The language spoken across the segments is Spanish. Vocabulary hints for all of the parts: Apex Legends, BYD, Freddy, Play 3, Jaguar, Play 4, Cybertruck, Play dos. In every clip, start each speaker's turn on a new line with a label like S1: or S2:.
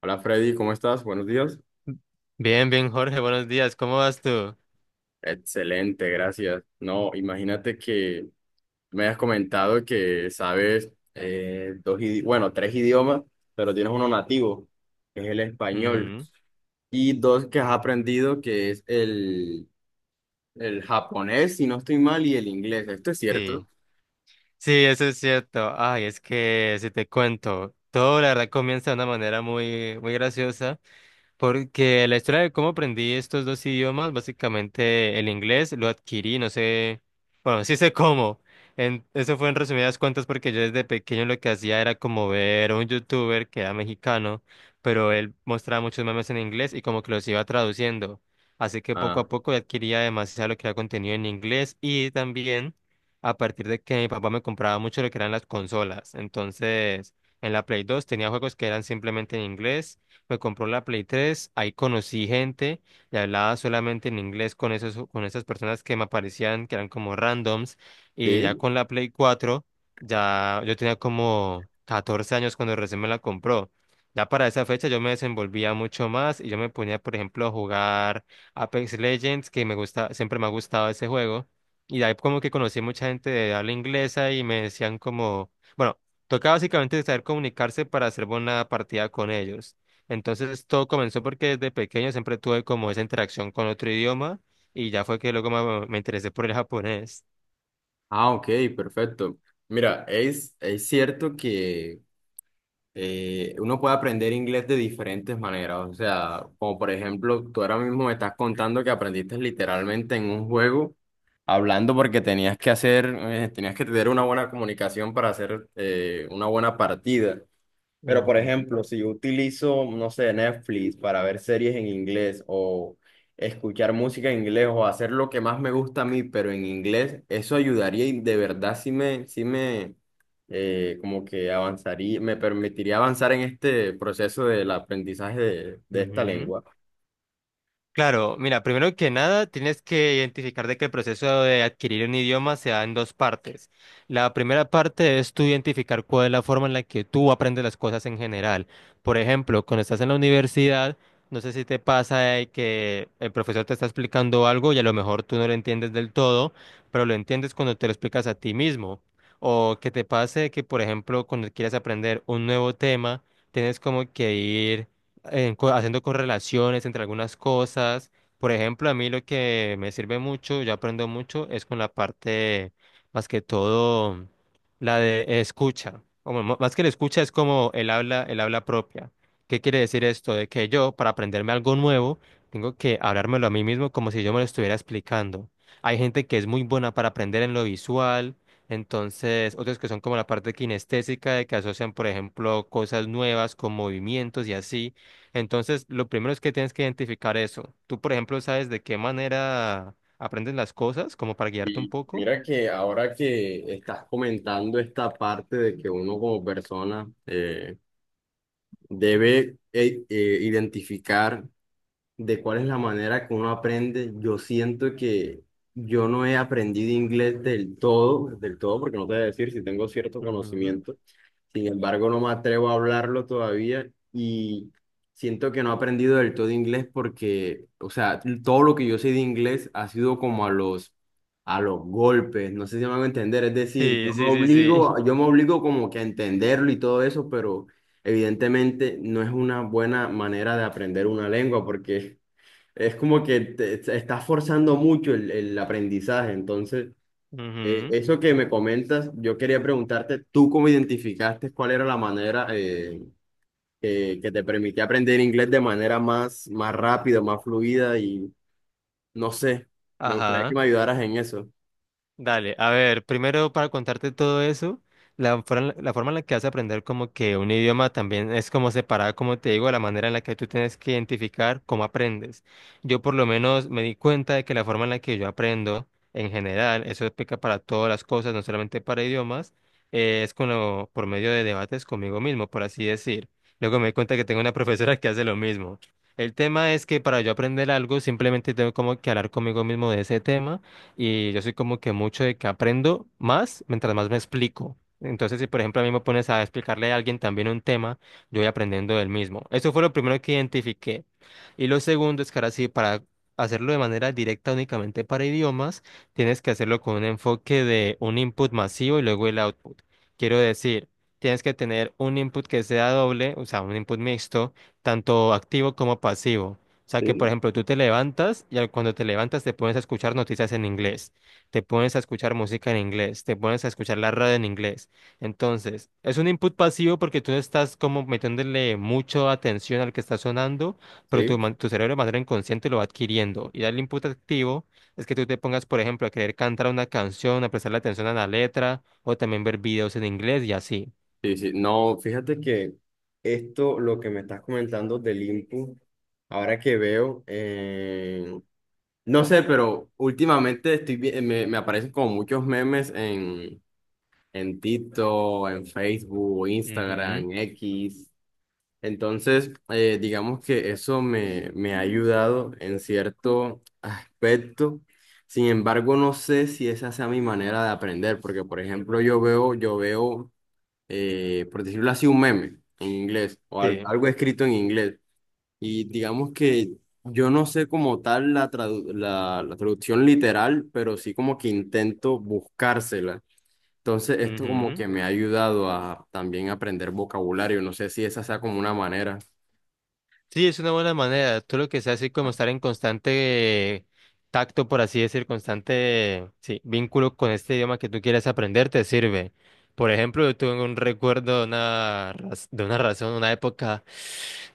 S1: Hola Freddy, ¿cómo estás? Buenos días.
S2: Bien, bien, Jorge, buenos días. ¿Cómo vas tú?
S1: Excelente, gracias. No, imagínate que me has comentado que sabes dos, bueno, tres idiomas, pero tienes uno nativo, que es el español,
S2: Ujú.
S1: y dos que has aprendido, que es el japonés, si no estoy mal, y el inglés. ¿Esto es cierto?
S2: Sí, sí, eso es cierto. Ay, es que si te cuento, todo la verdad comienza de una manera muy, muy graciosa. Porque la historia de cómo aprendí estos dos idiomas, básicamente el inglés lo adquirí, no sé, bueno, sí sé cómo. Eso fue en resumidas cuentas porque yo desde pequeño lo que hacía era como ver a un youtuber que era mexicano, pero él mostraba muchos memes en inglés y como que los iba traduciendo. Así que poco
S1: Ah,
S2: a poco adquiría demasiado lo que era contenido en inglés y también a partir de que mi papá me compraba mucho lo que eran las consolas. Entonces, en la Play 2 tenía juegos que eran simplemente en inglés. Me compró la Play 3, ahí conocí gente y hablaba solamente en inglés con esas personas que me aparecían, que eran como randoms, y ya
S1: sí.
S2: con la Play 4, ya yo tenía como 14 años cuando recién me la compró. Ya para esa fecha yo me desenvolvía mucho más y yo me ponía, por ejemplo, a jugar Apex Legends, que me gusta, siempre me ha gustado ese juego. Y de ahí como que conocí mucha gente de habla inglesa y me decían como, bueno, tocaba básicamente saber comunicarse para hacer buena partida con ellos. Entonces todo comenzó porque desde pequeño siempre tuve como esa interacción con otro idioma y ya fue que luego me interesé por el japonés.
S1: Ah, ok, perfecto. Mira, es cierto que uno puede aprender inglés de diferentes maneras. O sea, como por ejemplo, tú ahora mismo me estás contando que aprendiste literalmente en un juego, hablando porque tenías que hacer, tenías que tener una buena comunicación para hacer una buena partida. Pero, por
S2: Ujú,
S1: ejemplo, si yo utilizo, no sé, Netflix para ver series en inglés o escuchar música en inglés o hacer lo que más me gusta a mí, pero en inglés, eso ayudaría y de verdad sí me como que avanzaría, me permitiría avanzar en este proceso del aprendizaje de esta
S2: ujú.
S1: lengua.
S2: Claro, mira, primero que nada tienes que identificar de que el proceso de adquirir un idioma se da en dos partes. La primera parte es tú identificar cuál es la forma en la que tú aprendes las cosas en general. Por ejemplo, cuando estás en la universidad, no sé si te pasa de que el profesor te está explicando algo y a lo mejor tú no lo entiendes del todo, pero lo entiendes cuando te lo explicas a ti mismo. O que te pase que, por ejemplo, cuando quieres aprender un nuevo tema, tienes como que ir haciendo correlaciones entre algunas cosas. Por ejemplo, a mí lo que me sirve mucho, yo aprendo mucho, es con la parte, más que todo, la de escucha. O más que la escucha es como el habla propia. ¿Qué quiere decir esto? De que yo, para aprenderme algo nuevo, tengo que hablármelo a mí mismo como si yo me lo estuviera explicando. Hay gente que es muy buena para aprender en lo visual, entonces otros que son como la parte kinestésica, de que asocian, por ejemplo, cosas nuevas con movimientos y así. Entonces, lo primero es que tienes que identificar eso. Tú, por ejemplo, sabes de qué manera aprendes las cosas, como para guiarte un
S1: Y
S2: poco.
S1: mira que ahora que estás comentando esta parte de que uno como persona debe identificar de cuál es la manera que uno aprende. Yo siento que yo no he aprendido inglés del todo, porque no te voy a decir si tengo cierto
S2: Ujú.
S1: conocimiento. Sin embargo, no me atrevo a hablarlo todavía y siento que no he aprendido del todo inglés porque, o sea, todo lo que yo sé de inglés ha sido como a los golpes, no sé si me van a entender, es decir,
S2: Sí, sí, sí, sí.
S1: yo me obligo como que a entenderlo y todo eso, pero evidentemente no es una buena manera de aprender una lengua porque es como que te estás forzando mucho el aprendizaje. Entonces,
S2: Ujú.
S1: eso que me comentas, yo quería preguntarte, ¿tú cómo identificaste cuál era la manera que te permitía aprender inglés de manera más, más rápida, más fluida? Y no sé, me gustaría que
S2: Ajá.
S1: me ayudaras en eso.
S2: Dale, a ver, primero para contarte todo eso, la forma en la que vas a aprender como que un idioma también es como separada, como te digo, de la manera en la que tú tienes que identificar cómo aprendes. Yo por lo menos me di cuenta de que la forma en la que yo aprendo en general, eso explica para todas las cosas, no solamente para idiomas, es por medio de debates conmigo mismo, por así decir. Luego me di cuenta que tengo una profesora que hace lo mismo. El tema es que para yo aprender algo simplemente tengo como que hablar conmigo mismo de ese tema y yo soy como que mucho de que aprendo más mientras más me explico. Entonces, si por ejemplo a mí me pones a explicarle a alguien también un tema, yo voy aprendiendo del mismo. Eso fue lo primero que identifiqué. Y lo segundo es que ahora sí, para hacerlo de manera directa únicamente para idiomas, tienes que hacerlo con un enfoque de un input masivo y luego el output. Quiero decir, tienes que tener un input que sea doble, o sea, un input mixto, tanto activo como pasivo. O sea que, por
S1: Sí.
S2: ejemplo, tú te levantas cuando te levantas te pones a escuchar noticias en inglés, te pones a escuchar música en inglés, te pones a escuchar la radio en inglés. Entonces, es un input pasivo porque tú no estás como metiéndole mucha atención al que está sonando, pero tu,
S1: Sí,
S2: man- tu cerebro de manera inconsciente lo va adquiriendo. Y el input activo es que tú te pongas, por ejemplo, a querer cantar una canción, a prestarle atención a la letra, o también ver videos en inglés y así.
S1: sí, sí. No, fíjate que esto, lo que me estás comentando del input, ahora que veo, no sé, pero últimamente me aparecen como muchos memes en TikTok, en Facebook,
S2: Ujú.
S1: Instagram, X. Entonces, digamos que eso me ha ayudado en cierto aspecto. Sin embargo, no sé si esa sea mi manera de aprender, porque, por ejemplo, yo veo, por decirlo así, un meme en inglés o
S2: Sí.
S1: algo escrito en inglés. Y digamos que yo no sé como tal la traducción literal, pero sí como que intento buscársela. Entonces esto como
S2: Ujú.
S1: que me ha ayudado a también aprender vocabulario. No sé si esa sea como una manera.
S2: Sí, es una buena manera. Tú lo que sea así como estar en constante tacto, por así decir, constante, sí, vínculo con este idioma que tú quieres aprender, te sirve. Por ejemplo, yo tuve un recuerdo de una razón, una época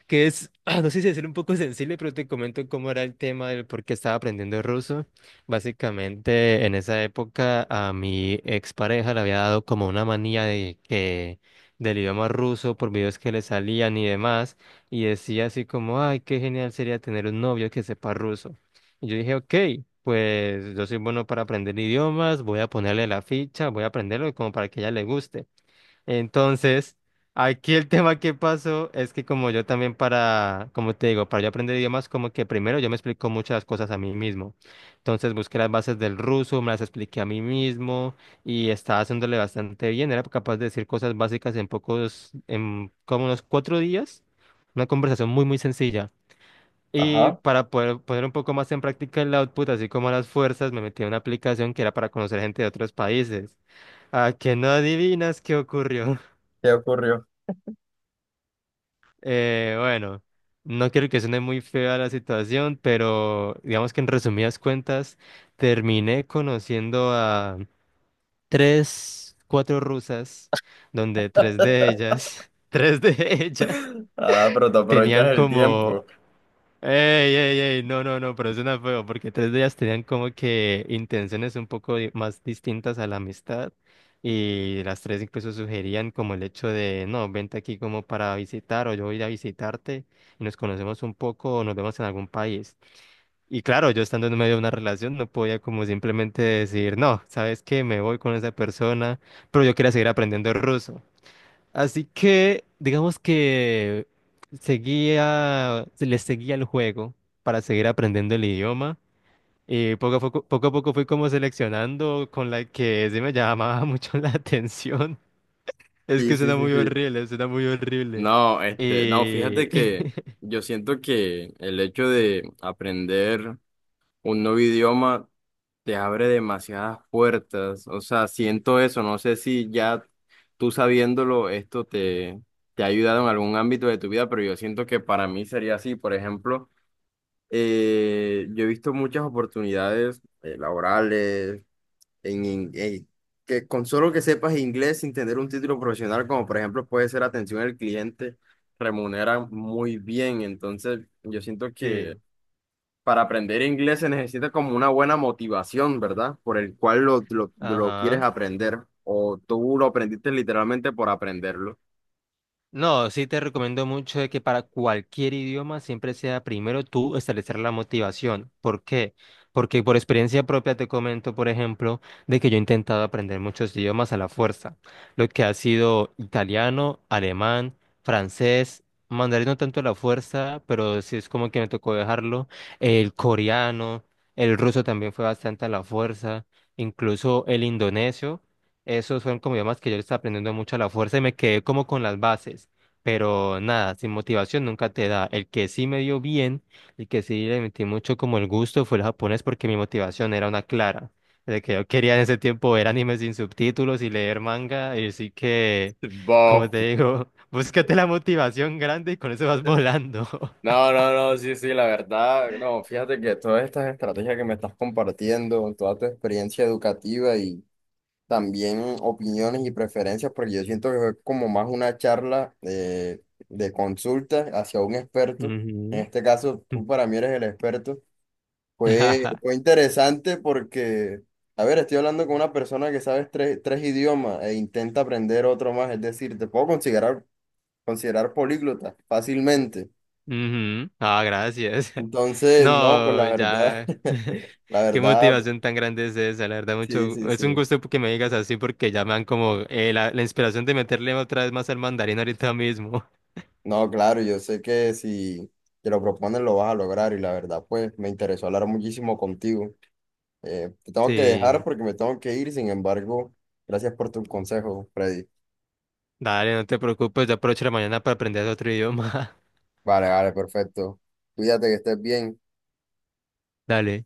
S2: que es, ah, no sé si decir un poco sensible, pero te comento cómo era el tema del por qué estaba aprendiendo ruso. Básicamente, en esa época a mi expareja le había dado como una manía de que del idioma ruso por videos que le salían y demás y decía así como, ay, qué genial sería tener un novio que sepa ruso. Y yo dije, ok, pues yo soy bueno para aprender idiomas, voy a ponerle la ficha, voy a aprenderlo como para que a ella le guste. Entonces, aquí el tema que pasó es que como yo también para, como te digo, para yo aprender idiomas, como que primero yo me explico muchas cosas a mí mismo. Entonces busqué las bases del ruso, me las expliqué a mí mismo y estaba haciéndole bastante bien. Era capaz de decir cosas básicas en como unos 4 días. Una conversación muy, muy sencilla. Y
S1: Ajá,
S2: para poder poner un poco más en práctica el output, así como las fuerzas, me metí a una aplicación que era para conocer gente de otros países. A que no adivinas qué ocurrió.
S1: ¿qué ocurrió?
S2: Bueno, no quiero que suene muy fea la situación, pero digamos que en resumidas cuentas terminé conociendo a tres, cuatro rusas, donde tres de ellas, tres de ellas
S1: Ah, pero te aprovechas
S2: tenían
S1: el
S2: como
S1: tiempo.
S2: Ey, ey, ey, no, no, no, pero suena feo, porque tres de ellas tenían como que intenciones un poco más distintas a la amistad, y las tres incluso sugerían como el hecho de, no, vente aquí como para visitar, o yo voy a ir a visitarte, y nos conocemos un poco, o nos vemos en algún país. Y claro, yo estando en medio de una relación, no podía como simplemente decir, no, ¿sabes qué? Me voy con esa persona, pero yo quería seguir aprendiendo ruso. Así que, digamos que se le seguía el juego para seguir aprendiendo el idioma. Y poco a poco fui como seleccionando con la que sí me llamaba mucho la atención. Es
S1: Sí,
S2: que
S1: sí,
S2: suena
S1: sí,
S2: muy
S1: sí.
S2: horrible, suena muy horrible.
S1: No, este, no,
S2: Y...
S1: fíjate que yo siento que el hecho de aprender un nuevo idioma te abre demasiadas puertas. O sea, siento eso. No sé si ya tú sabiéndolo, te ha ayudado en algún ámbito de tu vida, pero yo siento que para mí sería así. Por ejemplo, yo he visto muchas oportunidades laborales en que con solo que sepas inglés sin tener un título profesional, como por ejemplo puede ser atención al cliente, remuneran muy bien. Entonces, yo siento que
S2: Sí,
S1: para aprender inglés se necesita como una buena motivación, ¿verdad? Por el cual lo quieres
S2: ajá.
S1: aprender. O tú lo aprendiste literalmente por aprenderlo.
S2: No, sí te recomiendo mucho de que para cualquier idioma siempre sea primero tú establecer la motivación. ¿Por qué? Porque por experiencia propia te comento, por ejemplo, de que yo he intentado aprender muchos idiomas a la fuerza, lo que ha sido italiano, alemán, francés, mandarín no tanto a la fuerza, pero sí es como que me tocó dejarlo, el coreano, el ruso también fue bastante a la fuerza, incluso el indonesio. Esos fueron como idiomas que yo le estaba aprendiendo mucho a la fuerza y me quedé como con las bases. Pero nada, sin motivación nunca te da. El que sí me dio bien, el que sí le metí mucho como el gusto fue el japonés porque mi motivación era una clara. De que yo quería en ese tiempo ver animes sin subtítulos y leer manga. Y así que, como
S1: Bof.
S2: te digo, búscate la motivación grande y con eso vas volando.
S1: No, no, no, sí, sí, la verdad, no, fíjate que todas estas estrategias que me estás compartiendo, toda tu experiencia educativa y también opiniones y preferencias, porque yo siento que fue como más una charla de consulta hacia un experto. En
S2: Ujú.
S1: este caso, tú para mí eres el experto. Fue interesante porque, a ver, estoy hablando con una persona que sabe tres idiomas e intenta aprender otro más, es decir, te puedo considerar, considerar políglota fácilmente.
S2: Ujú. Ah, gracias.
S1: Entonces, no, pues
S2: No,
S1: la verdad,
S2: ya.
S1: la
S2: Qué
S1: verdad,
S2: motivación tan grande es esa, la verdad,
S1: sí,
S2: mucho.
S1: sí,
S2: Es un
S1: sí.
S2: gusto que me digas así porque ya me dan como la inspiración de meterle otra vez más al mandarín ahorita mismo.
S1: No, claro, yo sé que si te lo propones lo vas a lograr y la verdad, pues me interesó hablar muchísimo contigo. Te tengo que dejar
S2: Sí,
S1: porque me tengo que ir, sin embargo, gracias por tus consejos, Freddy.
S2: dale, no te preocupes, ya aprovecho la mañana para aprender otro idioma.
S1: Vale, vale, perfecto. Cuídate que estés bien.
S2: Dale.